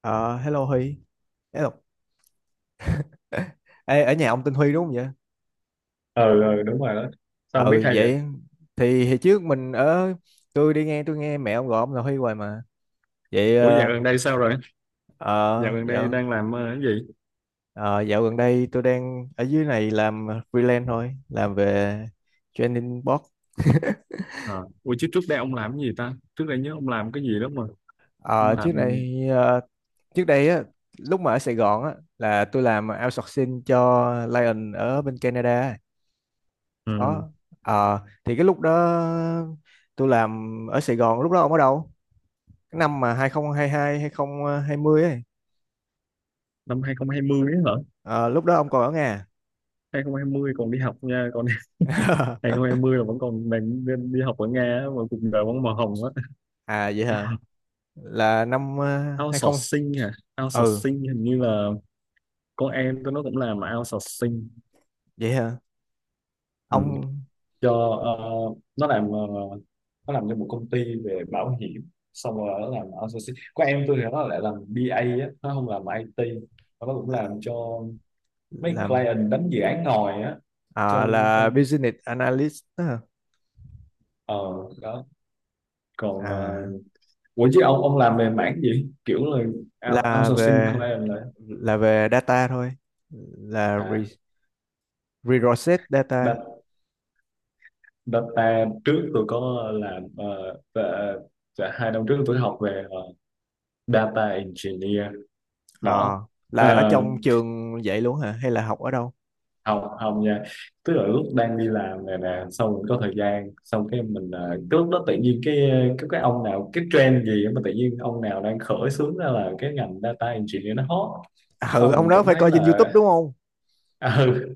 Ờ, Hello Huy. Hello. Ê, ở nhà ông tên Huy đúng không vậy? Ờ ừ đúng rồi đó. Sao không biết Ừ, hay vậy? vậy thì hồi trước mình ở, tôi nghe mẹ ông gọi ông là Huy hoài mà. Vậy Ủa, dạo gần đây sao rồi? ờ, Dạo gần đây dạo đang làm cái gì? ờ, dạo gần đây tôi đang ở dưới này làm freelance thôi, làm về training board. Ờ, Ủa chứ trước đây ông làm cái gì ta, trước đây nhớ ông làm cái gì đó mà ông Ờ, làm Trước này trước đây á, lúc mà ở Sài Gòn á, là tôi làm outsourcing cho Lion ở bên Canada. ừ, Đó. Ờ, thì cái lúc đó tôi làm ở Sài Gòn, lúc đó ông ở đâu? Cái năm mà hai không hai hai, hai không ấy. năm 2020 ấy hả? Ờ, lúc đó ông còn ở Nga. 2020 còn đi học nha, còn 2020 là vẫn còn đang đi đi học ở Nga á, mà cuộc đời vẫn màu hồng á. À vậy hả, là năm hai không. Outsourcing à? Ừ Outsourcing hình như là con em tôi nó cũng làm outsourcing. vậy hả. Ừ. Ông. cho ờ, nó làm ờ, Nó làm cho một công ty về bảo hiểm, xong rồi nó làm outsourcing. Có em tôi thì nó lại làm BA á, nó không làm IT. Nó cũng À, làm cho mấy làm. client, đánh dự án ngồi á. À, Cho là business analyst đó hả? ờ Đó. còn ờ, À, Ủa chứ ông làm về mảng gì, kiểu là là outsourcing về, client là. là về data thôi. Là À, reset data. data, data trước tôi có làm và hai năm trước tôi học về data engineer đó. Ờ, là ở Ờ, trong trường vậy luôn hả hay là học ở đâu? Không không nha, tức là lúc đang đi làm này nè, xong mình có thời gian, xong cái mình cái lúc đó tự nhiên cái ông nào, cái trend gì mà tự nhiên ông nào đang khởi xướng ra là cái ngành data engineer nó hot. Ừ, Xong ông mình đó cũng phải thấy coi trên YouTube là đúng không? à, ừ,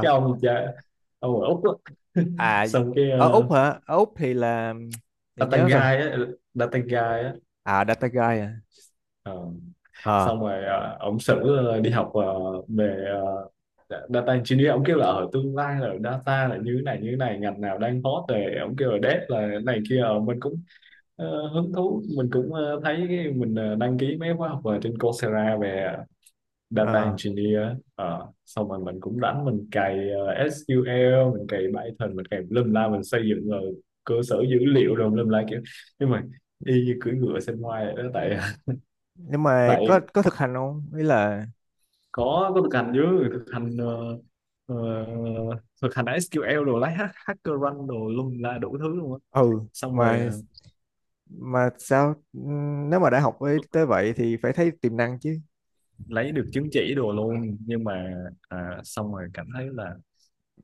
cái ông cha ông ở Úc đó. À, Xong cái ở Úc hả, ở Úc thì là để data nhớ guy coi. á, data guy á. À, Data Guy à. ờ, Ờ. Xong rồi uh, ông xử đi học về ờ, dạ, data engineer. Ông kêu là ở tương lai là data là như thế này như thế này, ngành nào đang hot, rồi ông kêu là dev là thế này kia. Ờ, mình cũng hứng thú, mình cũng thấy cái mình đăng ký mấy khóa học ở trên Coursera về data Ờ. engineer. Xong rồi mình cũng đánh, mình cày SQL, mình cày Python, mình cày lâm la, mình xây dựng rồi cơ sở dữ liệu rồi, lâm la kiểu. Nhưng mà y như cưỡi ngựa xem ngoài vậy đó, tại Nhưng mà tại có thực hành không, ý là. có thực hành chứ. Thực hành ờ, thực hành SQL đồ, lấy hacker rank đồ luôn, là đủ thứ luôn á. Ừ. Xong rồi mà mà sao nếu mà đã học với tới vậy thì phải thấy tiềm năng chứ. lấy được chứng chỉ đồ luôn nhưng mà xong rồi cảm thấy là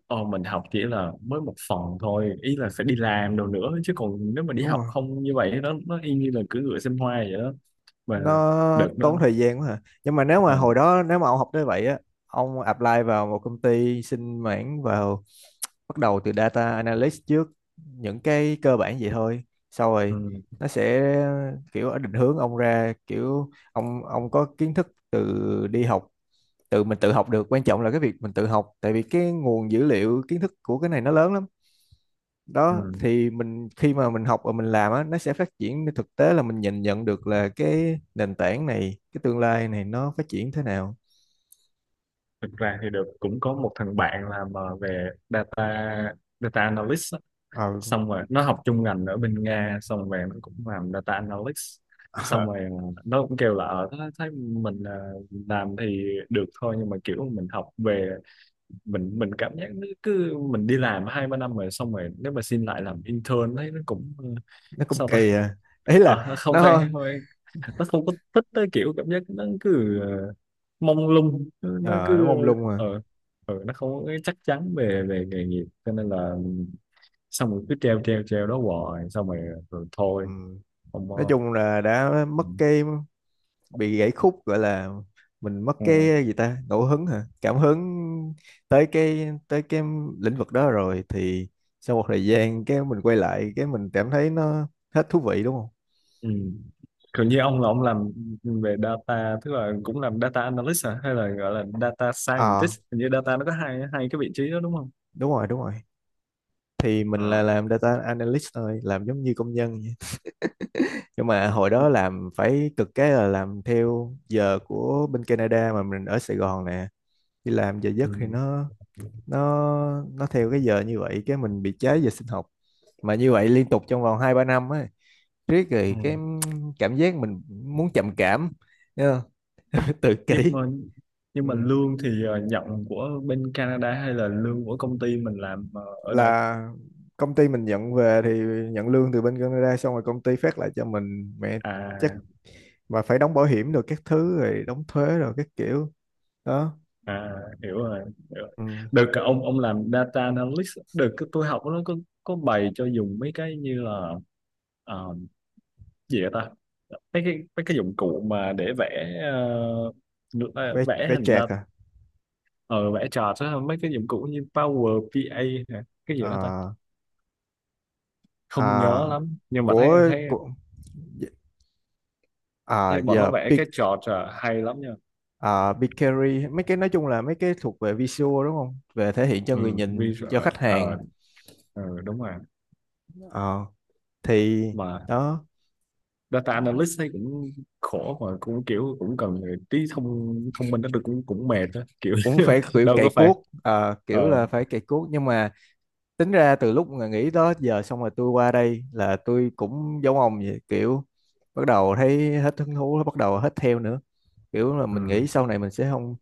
mình học chỉ là mới một phần thôi, ý là phải đi làm đồ nữa chứ, còn nếu mà đi Đúng học không? không như vậy nó y như là cưỡi ngựa xem hoa vậy đó mà. Nó Được đó. tốn thời gian quá hả, nhưng mà nếu mà ờ hồi đó nếu mà ông học tới vậy á, ông apply vào một công ty xin mảng vào, bắt đầu từ data analyst trước, những cái cơ bản vậy thôi, sau rồi ừ, nó sẽ kiểu định hướng ông ra, kiểu ông có kiến thức từ đi học, tự mình tự học được. Quan trọng là cái việc mình tự học, tại vì cái nguồn dữ liệu kiến thức của cái này nó lớn lắm ừ. đó. Thì mình khi mà mình học và mình làm á, nó sẽ phát triển thực tế là mình nhìn nhận được là cái nền tảng này, cái tương lai này nó phát triển thế nào. Thực ra thì được cũng có một thằng bạn làm về data, data analyst. Ờ. Xong rồi nó học chung ngành ở bên Nga, xong rồi nó cũng làm data analytics. Xong rồi nó cũng kêu là thấy mình làm thì được thôi, nhưng mà kiểu mình học về, mình cảm giác nó cứ, mình đi làm hai ba năm rồi, xong rồi nếu mà xin lại làm intern thấy nó cũng Nó cũng sao ta. kỳ à, ý là Nó không nó, phải, không phải, nó không có thích tới, kiểu cảm giác nó cứ mông lung, nó ờ, nó nó cứ mông lung à. ờ nó không có cái chắc chắn về về nghề nghiệp. Cho nên là xong rồi cứ treo treo treo đó hoài, xong rồi rồi Ừ. thôi, không Nói có. chung là đã Ừ. mất cái, bị gãy khúc gọi là, mình mất Ừ. cái gì ta, ngẫu hứng hả, cảm hứng tới cái, tới cái lĩnh vực đó rồi thì sau một thời gian cái mình quay lại cái mình cảm thấy nó hết thú vị đúng không? Ừ. Còn như ông là ông làm về data, tức là cũng làm data analyst hả, hay là gọi là data Ờ, scientist? Hình như data nó có hai hai cái vị trí đó đúng không? đúng rồi đúng rồi, thì mình là À. làm data analyst thôi, làm giống như công nhân vậy. Nhưng mà hồi Ừ. đó làm phải cực, cái là làm theo giờ của bên Canada mà mình ở Sài Gòn nè, đi làm giờ giấc Ừ. thì nó, nó theo cái giờ như vậy, cái mình bị cháy về sinh học. Mà như vậy liên tục trong vòng hai ba năm ấy, riết Ừ. rồi cái cảm giác mình muốn trầm cảm, nhớ nhá, tự kỷ. Nhưng mà Ừ. nhưng mà lương thì nhận của bên Canada hay là lương của công ty mình làm ở đây? Là công ty mình nhận về thì nhận lương từ bên Canada, xong rồi công ty phát lại cho mình mẹ chắc. À. Mà phải đóng bảo hiểm rồi các thứ, rồi đóng thuế rồi các kiểu đó. À, hiểu rồi, hiểu rồi. Ừ. Được cái ông làm data analyst, được cái tôi học nó có bày cho dùng mấy cái như là ờ, gì vậy ta, mấy cái dụng cụ mà để vẽ Vé vẽ vé hình đa. chạc à, Ờ Vẽ chart á, mấy cái dụng cụ như Power BI hả? Cái gì đó ta, à, à, không nhớ lắm nhưng mà thấy của, thấy của à thấy bọn nó giờ vẽ peak. cái chart hay lắm nha. Ờ, Bakery mấy cái, nói chung là mấy cái thuộc về visual đúng không, về thể hiện cho Ừ, người nhìn cho visual. khách ờ hàng. Đúng rồi. Ờ, thì Mà đó, data analyst thấy cũng khổ, mà cũng kiểu cũng cần tí thông thông minh đó, tôi cũng cũng mệt đó kiểu cũng phải kiểu đâu cày có phải. cuốc. Ờ, ờ kiểu là phải cày cuốc, nhưng mà tính ra từ lúc mà nghỉ đó giờ, xong rồi tôi qua đây là tôi cũng giống ông vậy, kiểu bắt đầu thấy hết hứng thú, bắt đầu hết theo nữa, kiểu là mình ừ, nghĩ sau này mình sẽ không,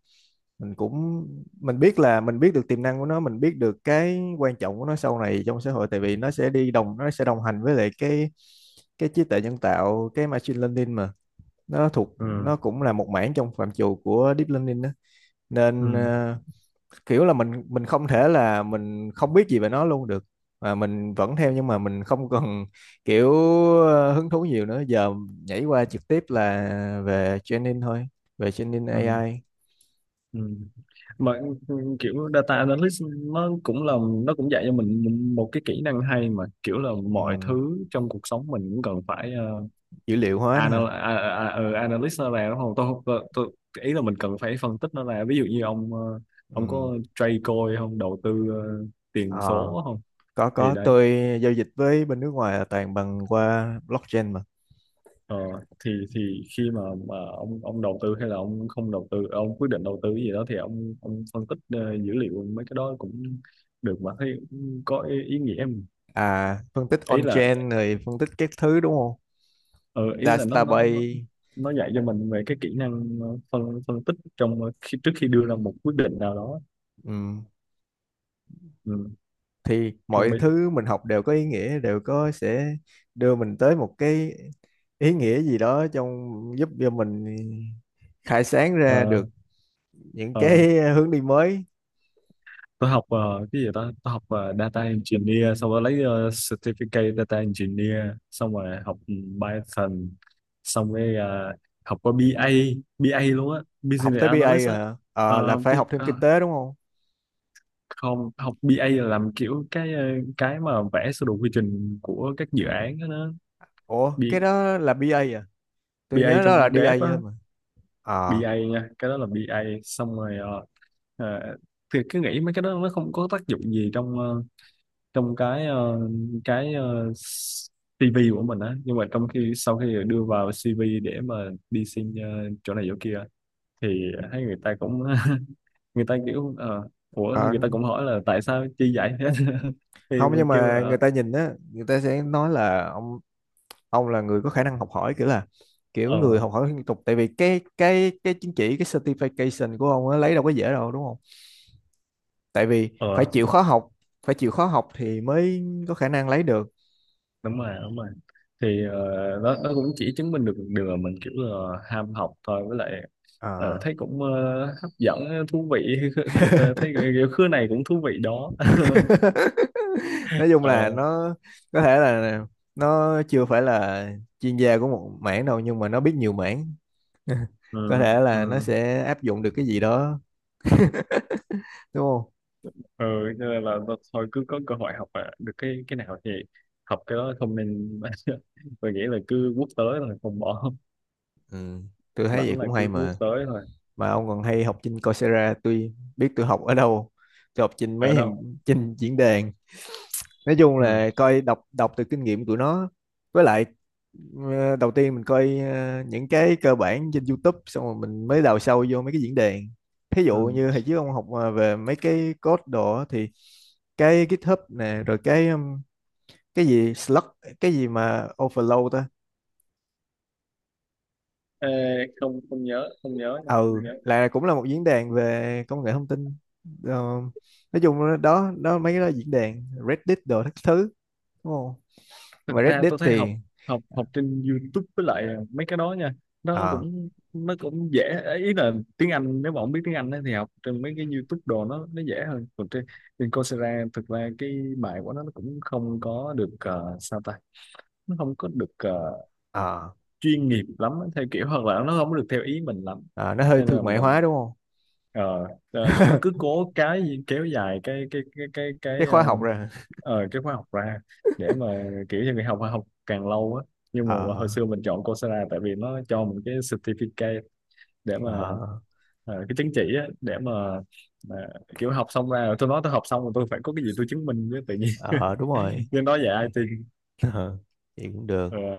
mình cũng, mình biết là mình biết được tiềm năng của nó, mình biết được cái quan trọng của nó sau này trong xã hội, tại vì nó sẽ đi đồng, nó sẽ đồng hành với lại cái trí tuệ nhân tạo, cái machine learning mà, nó thuộc, nó ừ, cũng là một mảng trong phạm trù của deep learning đó. Nên ừ, ờ, kiểu là mình không thể là mình không biết gì về nó luôn được, mà mình vẫn theo, nhưng mà mình không cần kiểu ờ, hứng thú nhiều nữa, giờ nhảy qua trực tiếp là về training thôi, về training ừ, AI. ừ. Mà ừ, kiểu data analyst nó cũng là nó cũng dạy cho mình một cái kỹ năng hay, mà kiểu là mọi Ừ. thứ trong cuộc sống mình cũng cần phải uh, Dữ liệu hóa nữa hả. Analyst nó ra đúng không, tôi ý là mình cần phải phân tích nó ra. Ví dụ như ông ông Ừ. có trade coin không, đầu tư Ờ, tiền số không? có Thì có đấy. tôi giao dịch với bên nước ngoài là toàn bằng qua blockchain mà. Ờ, thì khi mà ông đầu tư hay là ông không đầu tư, ông quyết định đầu tư cái gì đó, thì ông phân tích dữ liệu mấy cái đó cũng được, mà thấy cũng có ý nghĩa em. À, phân tích Ý là on-chain rồi phân tích các thứ đúng không, ờ, ý là nó nó nó database. nó dạy cho mình về cái kỹ năng phân phân tích trước khi đưa ra một quyết định nào đó. Ừ. Ừ, Thì trong mọi bên thứ mình học đều có ý nghĩa, đều có sẽ đưa mình tới một cái ý nghĩa gì đó, trong giúp cho mình khai sáng ra ờ, được những cái ờ, hướng đi mới. tôi học cái gì đó, tôi học data engineer, xong rồi lấy certificate data engineer, xong rồi học Python, xong rồi học qua BA, BA luôn á, Học business tới BA analyst rồi á. hả? Ờ, là Ờ, phải thì, học thêm ờ, kinh tế đúng không? Không, học BA là làm kiểu cái cái mà vẽ sơ đồ quy trình của các dự án đó, đó. Ủa B, cái đó là bê A à, tôi BA nhớ đó trong là đê A dev á, thôi mà. Ờ. BA nha, cái đó là BA. Xong rồi ờ, thì cứ nghĩ mấy cái đó nó không có tác dụng gì trong cái cái ờ, CV của mình á, nhưng mà trong khi sau khi đưa vào CV để mà đi xin chỗ này chỗ kia, thì thấy người ta cũng người ta kiểu ủa Ờ, người ta cũng hỏi là tại sao chi vậy hết thì không, mình nhưng kêu mà là người ta nhìn á, người ta sẽ nói là ông là người có khả năng học hỏi, kiểu là kiểu ờ người học hỏi liên tục, tại vì cái chứng chỉ, cái certification của ông á, lấy đâu có dễ đâu đúng không, tại vì ờ phải chịu khó học, phải chịu khó học thì mới có khả năng lấy được. đúng rồi, đúng rồi. Thì nó cũng chỉ chứng minh được một điều là mình kiểu là ham học thôi, với lại Ờ. thấy cũng hấp dẫn, thú vị Thấy kiểu khứa này cũng thú vị đó Nói chung là Ờ, nó có thể là nó chưa phải là chuyên gia của một mảng đâu, nhưng mà nó biết nhiều mảng. Có ừ, thể là nó ừ. sẽ áp dụng được cái gì đó đúng không? Ừ, cho nên là thôi cứ có cơ hội học mà được cái nào thì học cái đó, không nên tôi nghĩ là cứ quốc tế thôi không bỏ. Ừ. Tôi thấy vậy Rảnh là cũng hay cứ quốc mà. tế thôi. Mà ông còn hay học trên Coursera, tôi biết tôi học ở đâu, tôi học trên Ở mấy hàng, đâu. trên diễn đàn, nói chung Ừ. là coi, đọc đọc từ kinh nghiệm của nó. Với lại ờ, đầu tiên mình coi ờ, những cái cơ bản trên YouTube, xong rồi mình mới đào sâu vô mấy cái diễn đàn. Thí Ừ. dụ như hồi trước ông học về mấy cái code đồ á thì cái GitHub nè, rồi cái gì Slack, cái gì mà Overload ta. Ê, không không nhớ, không nhớ, không Ừ, nhớ. là cũng là một diễn đàn về công nghệ thông tin. Ờ, nói chung là đó đó, mấy cái đó diễn đàn Reddit đồ các thứ đúng không. Nhưng Thực mà ra Reddit tôi thấy học thì học học trên YouTube với lại mấy cái đó nha, ờ. Nó cũng dễ. Ý là tiếng Anh, nếu mà không biết tiếng Anh á thì học trên mấy cái YouTube đồ nó dễ hơn, còn trên trên Coursera thực ra cái bài của nó cũng không có được sao ta, nó không có được Ờ. chuyên nghiệp lắm á, theo kiểu hoặc là nó không có được theo ý mình lắm. Ờ, nó hơi Nên là thương mại mình hóa đúng không? ờ, Cho nên nó cứ cố cái gì kéo dài Cái khóa học rồi. Cái khóa học ra để mà kiểu như người học, học càng lâu á. Nhưng mà Ờ, hồi xưa mình chọn Coursera tại vì nó cho mình cái certificate để mà ờ, cái chứng chỉ á, để mà mà kiểu học xong ra rồi, tôi nói tôi học xong rồi, tôi phải có cái gì tôi chứng minh với tự nhiên ờ, đúng rồi. nên nói về ai Ờ, vậy cũng được. IT.